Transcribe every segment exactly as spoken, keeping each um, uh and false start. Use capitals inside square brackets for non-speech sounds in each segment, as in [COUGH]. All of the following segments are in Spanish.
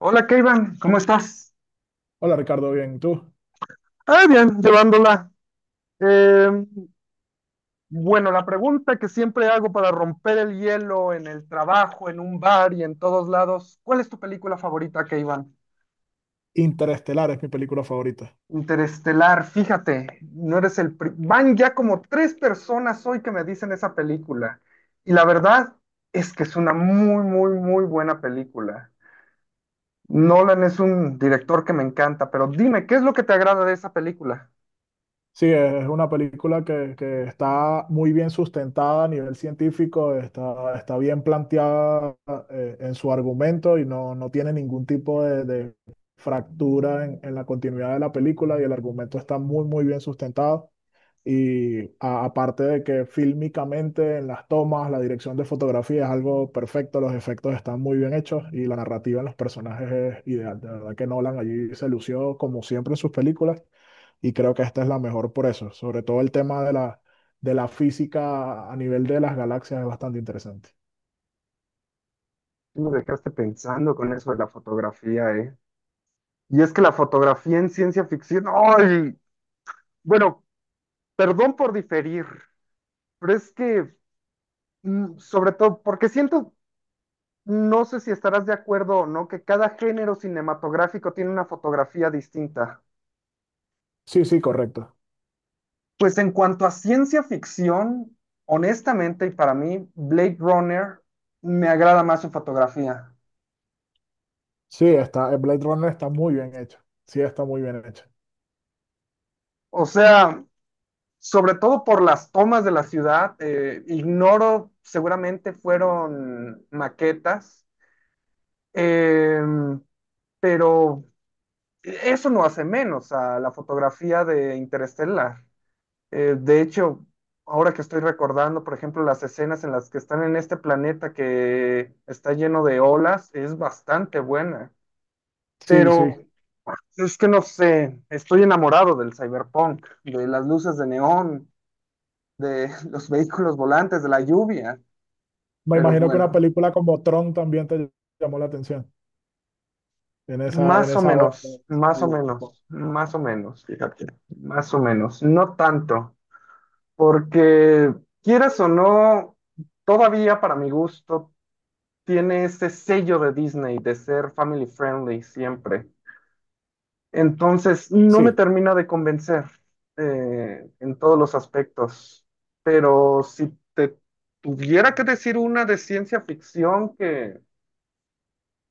Hola, Kevin, ¿cómo estás? Hola Ricardo, bien, ¿y tú? Ah, bien, llevándola. Eh, bueno, la pregunta que siempre hago para romper el hielo en el trabajo, en un bar y en todos lados, ¿cuál es tu película favorita, Iván? Interestelar es mi película favorita. Interestelar, fíjate, no eres el... pri- Van ya como tres personas hoy que me dicen esa película. Y la verdad es que es una muy, muy, muy buena película. Nolan es un director que me encanta, pero dime, ¿qué es lo que te agrada de esa película? Sí, es una película que, que está muy bien sustentada a nivel científico, está, está bien planteada eh, en su argumento y no, no tiene ningún tipo de, de fractura en, en la continuidad de la película y el argumento está muy, muy bien sustentado. Y a- aparte de que fílmicamente en las tomas, la dirección de fotografía es algo perfecto, los efectos están muy bien hechos y la narrativa en los personajes es ideal. De verdad que Nolan allí se lució como siempre en sus películas y creo que esta es la mejor por eso. Sobre todo el tema de la, de la física a nivel de las galaxias es bastante interesante. Sí. Me dejaste pensando con eso de la fotografía, ¿eh? Y es que la fotografía en ciencia ficción, ¡ay! Bueno, perdón por diferir, pero es que, mm, sobre todo, porque siento, no sé si estarás de acuerdo o no, que cada género cinematográfico tiene una fotografía distinta. Sí, sí, correcto. Pues en cuanto a ciencia ficción, honestamente, y para mí, Blade Runner me agrada más su fotografía. Sí, está, el Blade Runner está muy bien hecho. Sí, está muy bien hecho. O sea, sobre todo por las tomas de la ciudad, eh, ignoro, seguramente fueron maquetas, eh, pero eso no hace menos a la fotografía de Interestelar. Eh, de hecho, ahora que estoy recordando, por ejemplo, las escenas en las que están en este planeta que está lleno de olas, es bastante buena. Sí, Pero sí. es que no sé, estoy enamorado del cyberpunk, de las luces de neón, de [LAUGHS] los vehículos volantes, de la lluvia, Me pero imagino que una bueno, película como Tron también te llamó la atención en esa, en más o esa onda. menos, más o menos, más o menos, fíjate, más o menos, no tanto, porque quieras o no, todavía para mi gusto tiene ese sello de Disney de ser family friendly siempre. Entonces, no me Sí, termina de convencer eh, en todos los aspectos, pero si te tuviera que decir una de ciencia ficción que...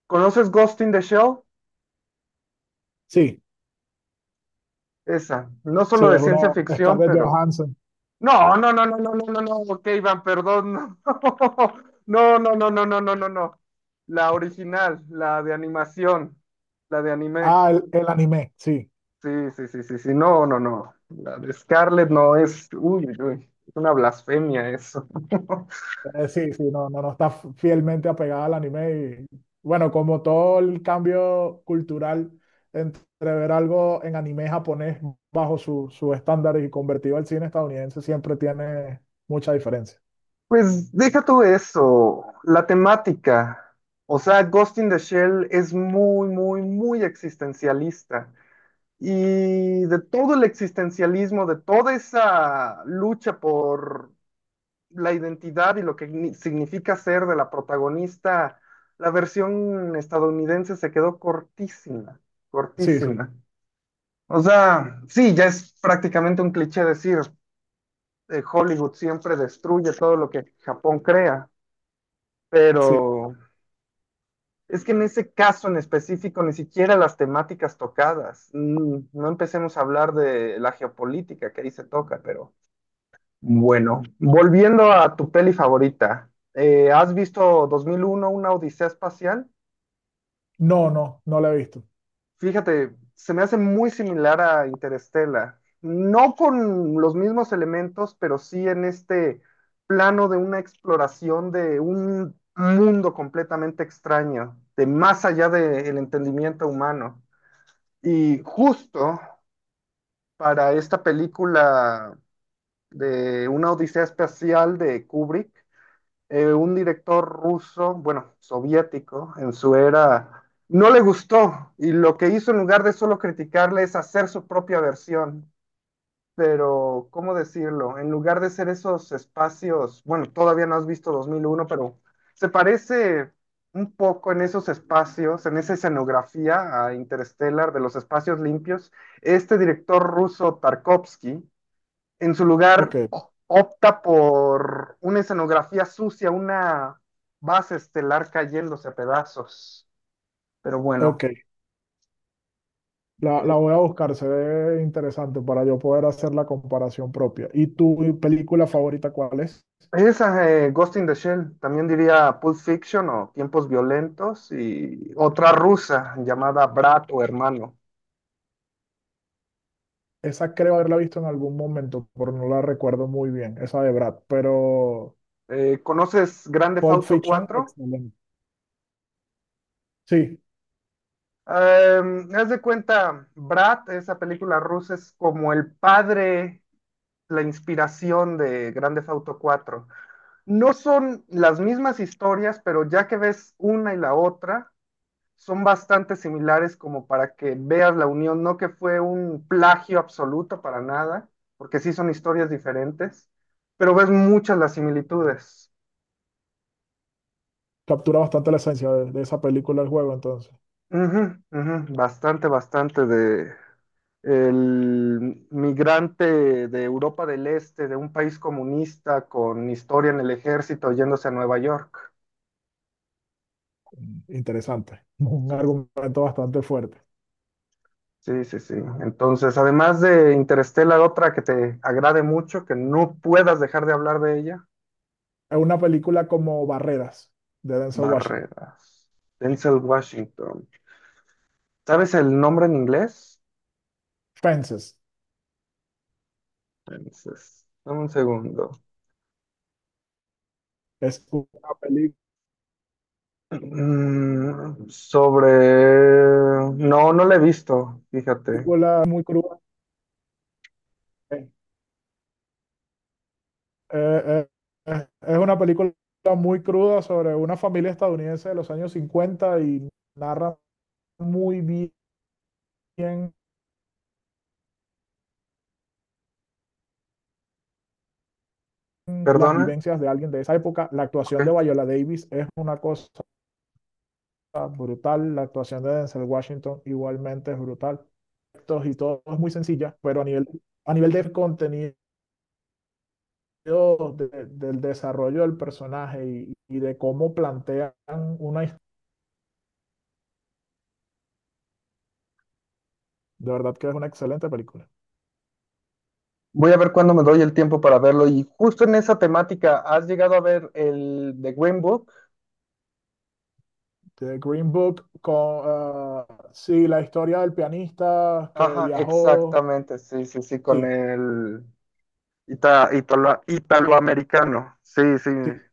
¿Conoces Ghost in the Shell? sí, Esa, no solo sí, de es una ciencia ficción, Scarlett pero... Johansson. No, no, no, no, no, no, no, no, ok, Iván, perdón, no, [LAUGHS] no, no, no, no, no, no, no, no. La original, la de animación, la de anime. Ah, el, el anime, sí. Sí, sí, sí, sí, sí, no, no, no. La de Scarlett no es, uy, uy, uy, es una blasfemia eso. [LAUGHS] Eh, sí, sí, no, no, no está fielmente apegada al anime. Y bueno, como todo el cambio cultural entre ver algo en anime japonés bajo su- sus estándares y convertido al cine estadounidense, siempre tiene mucha diferencia. Pues deja tú eso, la temática. O sea, Ghost in the Shell es muy, muy, muy existencialista, y de todo el existencialismo, de toda esa lucha por la identidad y lo que significa ser de la protagonista, la versión estadounidense se quedó cortísima, Sí, sí, cortísima. O sea, sí, ya es prácticamente un cliché decir, eh, Hollywood siempre destruye todo lo que Japón crea, sí. pero... Es que en ese caso en específico, ni siquiera las temáticas tocadas. Mm, No empecemos a hablar de la geopolítica que ahí se toca, pero bueno, volviendo a tu peli favorita, eh, ¿has visto dos mil uno, una odisea espacial? No, no, no la he visto. Fíjate, se me hace muy similar a Interestela. No con los mismos elementos, pero sí en este plano de una exploración de un mundo completamente extraño, de más allá del entendimiento humano. Y justo para esta película de una odisea espacial de Kubrick, eh, un director ruso, bueno, soviético, en su era, no le gustó y lo que hizo en lugar de solo criticarle es hacer su propia versión, pero ¿cómo decirlo? En lugar de ser esos espacios, bueno, todavía no has visto dos mil uno, pero se parece un poco en esos espacios, en esa escenografía a Interstellar de los espacios limpios. Este director ruso Tarkovsky, en su Ok, lugar, o- opta por una escenografía sucia, una base estelar cayéndose a pedazos. Pero ok. bueno. La, la voy a buscar, se ve interesante para yo poder hacer la comparación propia. ¿Y tu película favorita cuál es? Esa, eh, Ghost in the Shell, también diría Pulp Fiction o Tiempos Violentos y otra rusa llamada Brat o Hermano. Esa creo haberla visto en algún momento, pero no la recuerdo muy bien, esa de Brad, pero Eh, ¿conoces Grand Theft Pulp Auto Fiction, cuatro? excelente. Sí, Eh, haz de cuenta, Brat, esa película rusa, es como el padre, la inspiración de Grand Theft Auto cuatro. No son las mismas historias, pero ya que ves una y la otra, son bastante similares como para que veas la unión, no que fue un plagio absoluto para nada, porque sí son historias diferentes, pero ves muchas las similitudes. captura bastante la esencia de, de esa película del juego, entonces, Ujú, ujú, bastante, bastante de el migrante de Europa del Este, de un país comunista con historia en el ejército yéndose a Nueva York. mm, interesante. Un Sí, argumento bastante fuerte. sí, sí. Sí. Entonces, además de Interstellar, otra que te agrade mucho, que no puedas dejar de hablar de ella. Es una película como Barreras, de Denzel Washington. Barreras. Denzel Washington. ¿Sabes el nombre en inglés? Fences, Entonces, dame un segundo. es una Mm, sobre... No, no lo he visto, fíjate. película muy cruda. eh, eh, eh, es una película muy cruda sobre una familia estadounidense de los años cincuenta y narra muy bien las ¿Perdona? vivencias de alguien de esa época. La actuación Ok. de Viola Davis es una cosa brutal. La actuación de Denzel Washington igualmente es brutal. Y todo es muy sencilla, pero a nivel, a nivel de contenido, de, del desarrollo del personaje y, y, de cómo plantean una historia, de verdad que es una excelente película. Voy a ver cuándo me doy el tiempo para verlo. Y justo en esa temática, ¿has llegado a ver el de Green Book? The Green Book, con, uh, sí, la historia del pianista que Ajá, viajó, exactamente, sí, sí, sí, con sí, el ita- italo- italoamericano. Sí, sí, sí,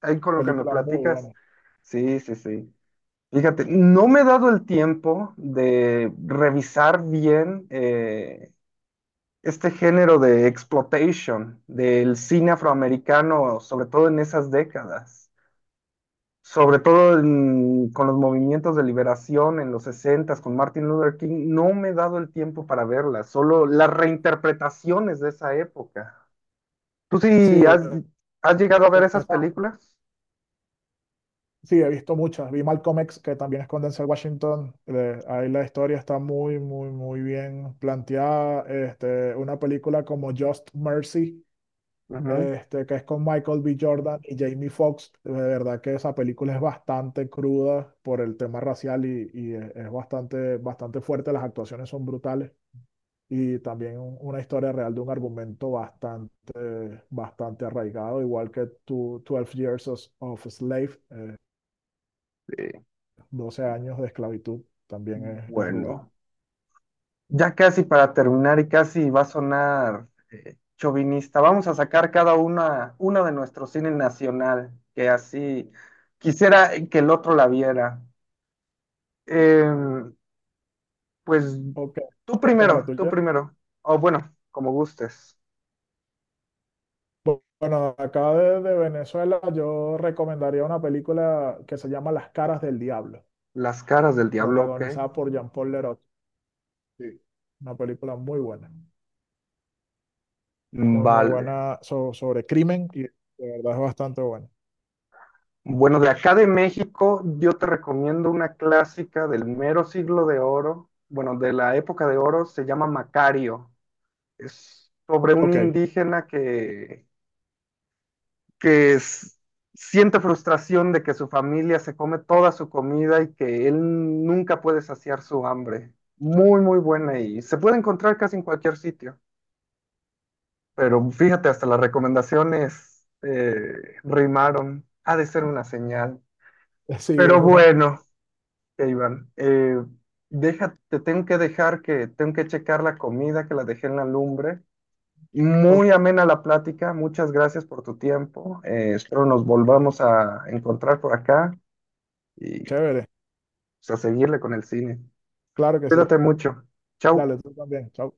ahí con lo que me película muy platicas. buena. Sí, sí, sí. Fíjate, no me he dado el tiempo de revisar bien eh, este género de exploitation del cine afroamericano, sobre todo en esas décadas, sobre todo en- con los movimientos de liberación en los sesentas con Martin Luther King. No me he dado el tiempo para verlas, solo las reinterpretaciones de esa época. ¿Tú Sí, sí has, has llegado a ver esas esa. películas? Sí, he visto muchas. Vi Malcolm X, que también es con Denzel Washington. Eh, ahí la historia está muy, muy, muy bien planteada. Este, una película como Just Mercy, Ujú, este, que es con Michael B. Jordan y Jamie Foxx. De verdad que esa película es bastante cruda por el tema racial y, y es, es bastante, bastante fuerte. Las actuaciones son brutales y también un- una historia real de un argumento bastante, bastante arraigado, igual que tu- Twelve Years of of a Slave. sí. Doce años de esclavitud también es, es ruda. Bueno. Ya casi para terminar y casi va a sonar eh, chauvinista. Vamos a sacar cada una, una de nuestro cine nacional, que así quisiera que el otro la viera. Eh, pues Ok, tú cuéntame la primero, tú tuya. primero. O bueno, como gustes. Bu- Bueno, acá de, de Venezuela yo recomendaría una película que se llama Las caras del diablo, Las caras del diablo, ok. protagonizada por Jean-Paul Leroy. Sí. Una película muy buena, muy muy Vale. buena so- sobre crimen y de verdad es bastante buena. Bueno, de acá de México, yo te recomiendo una clásica del mero siglo de oro, bueno, de la época de oro, se llama Macario. Es sobre un Ok, indígena que, que es- siente frustración de que su familia se come toda su comida y que él nunca puede saciar su hambre. Muy, muy buena y se puede encontrar casi en cualquier sitio. Pero fíjate, hasta las recomendaciones eh, rimaron. Ha de ser una señal. [LAUGHS] sí, es Pero una... bueno, Iván, eh, deja- te tengo que dejar que tengo que checar la comida que la dejé en la lumbre. Ok, Muy amena la plática, muchas gracias por tu tiempo. eh, espero nos volvamos a encontrar por acá y pues, chévere, a seguirle con el cine. claro que sí. Cuídate mucho. Chau. Dale, tú también, chao.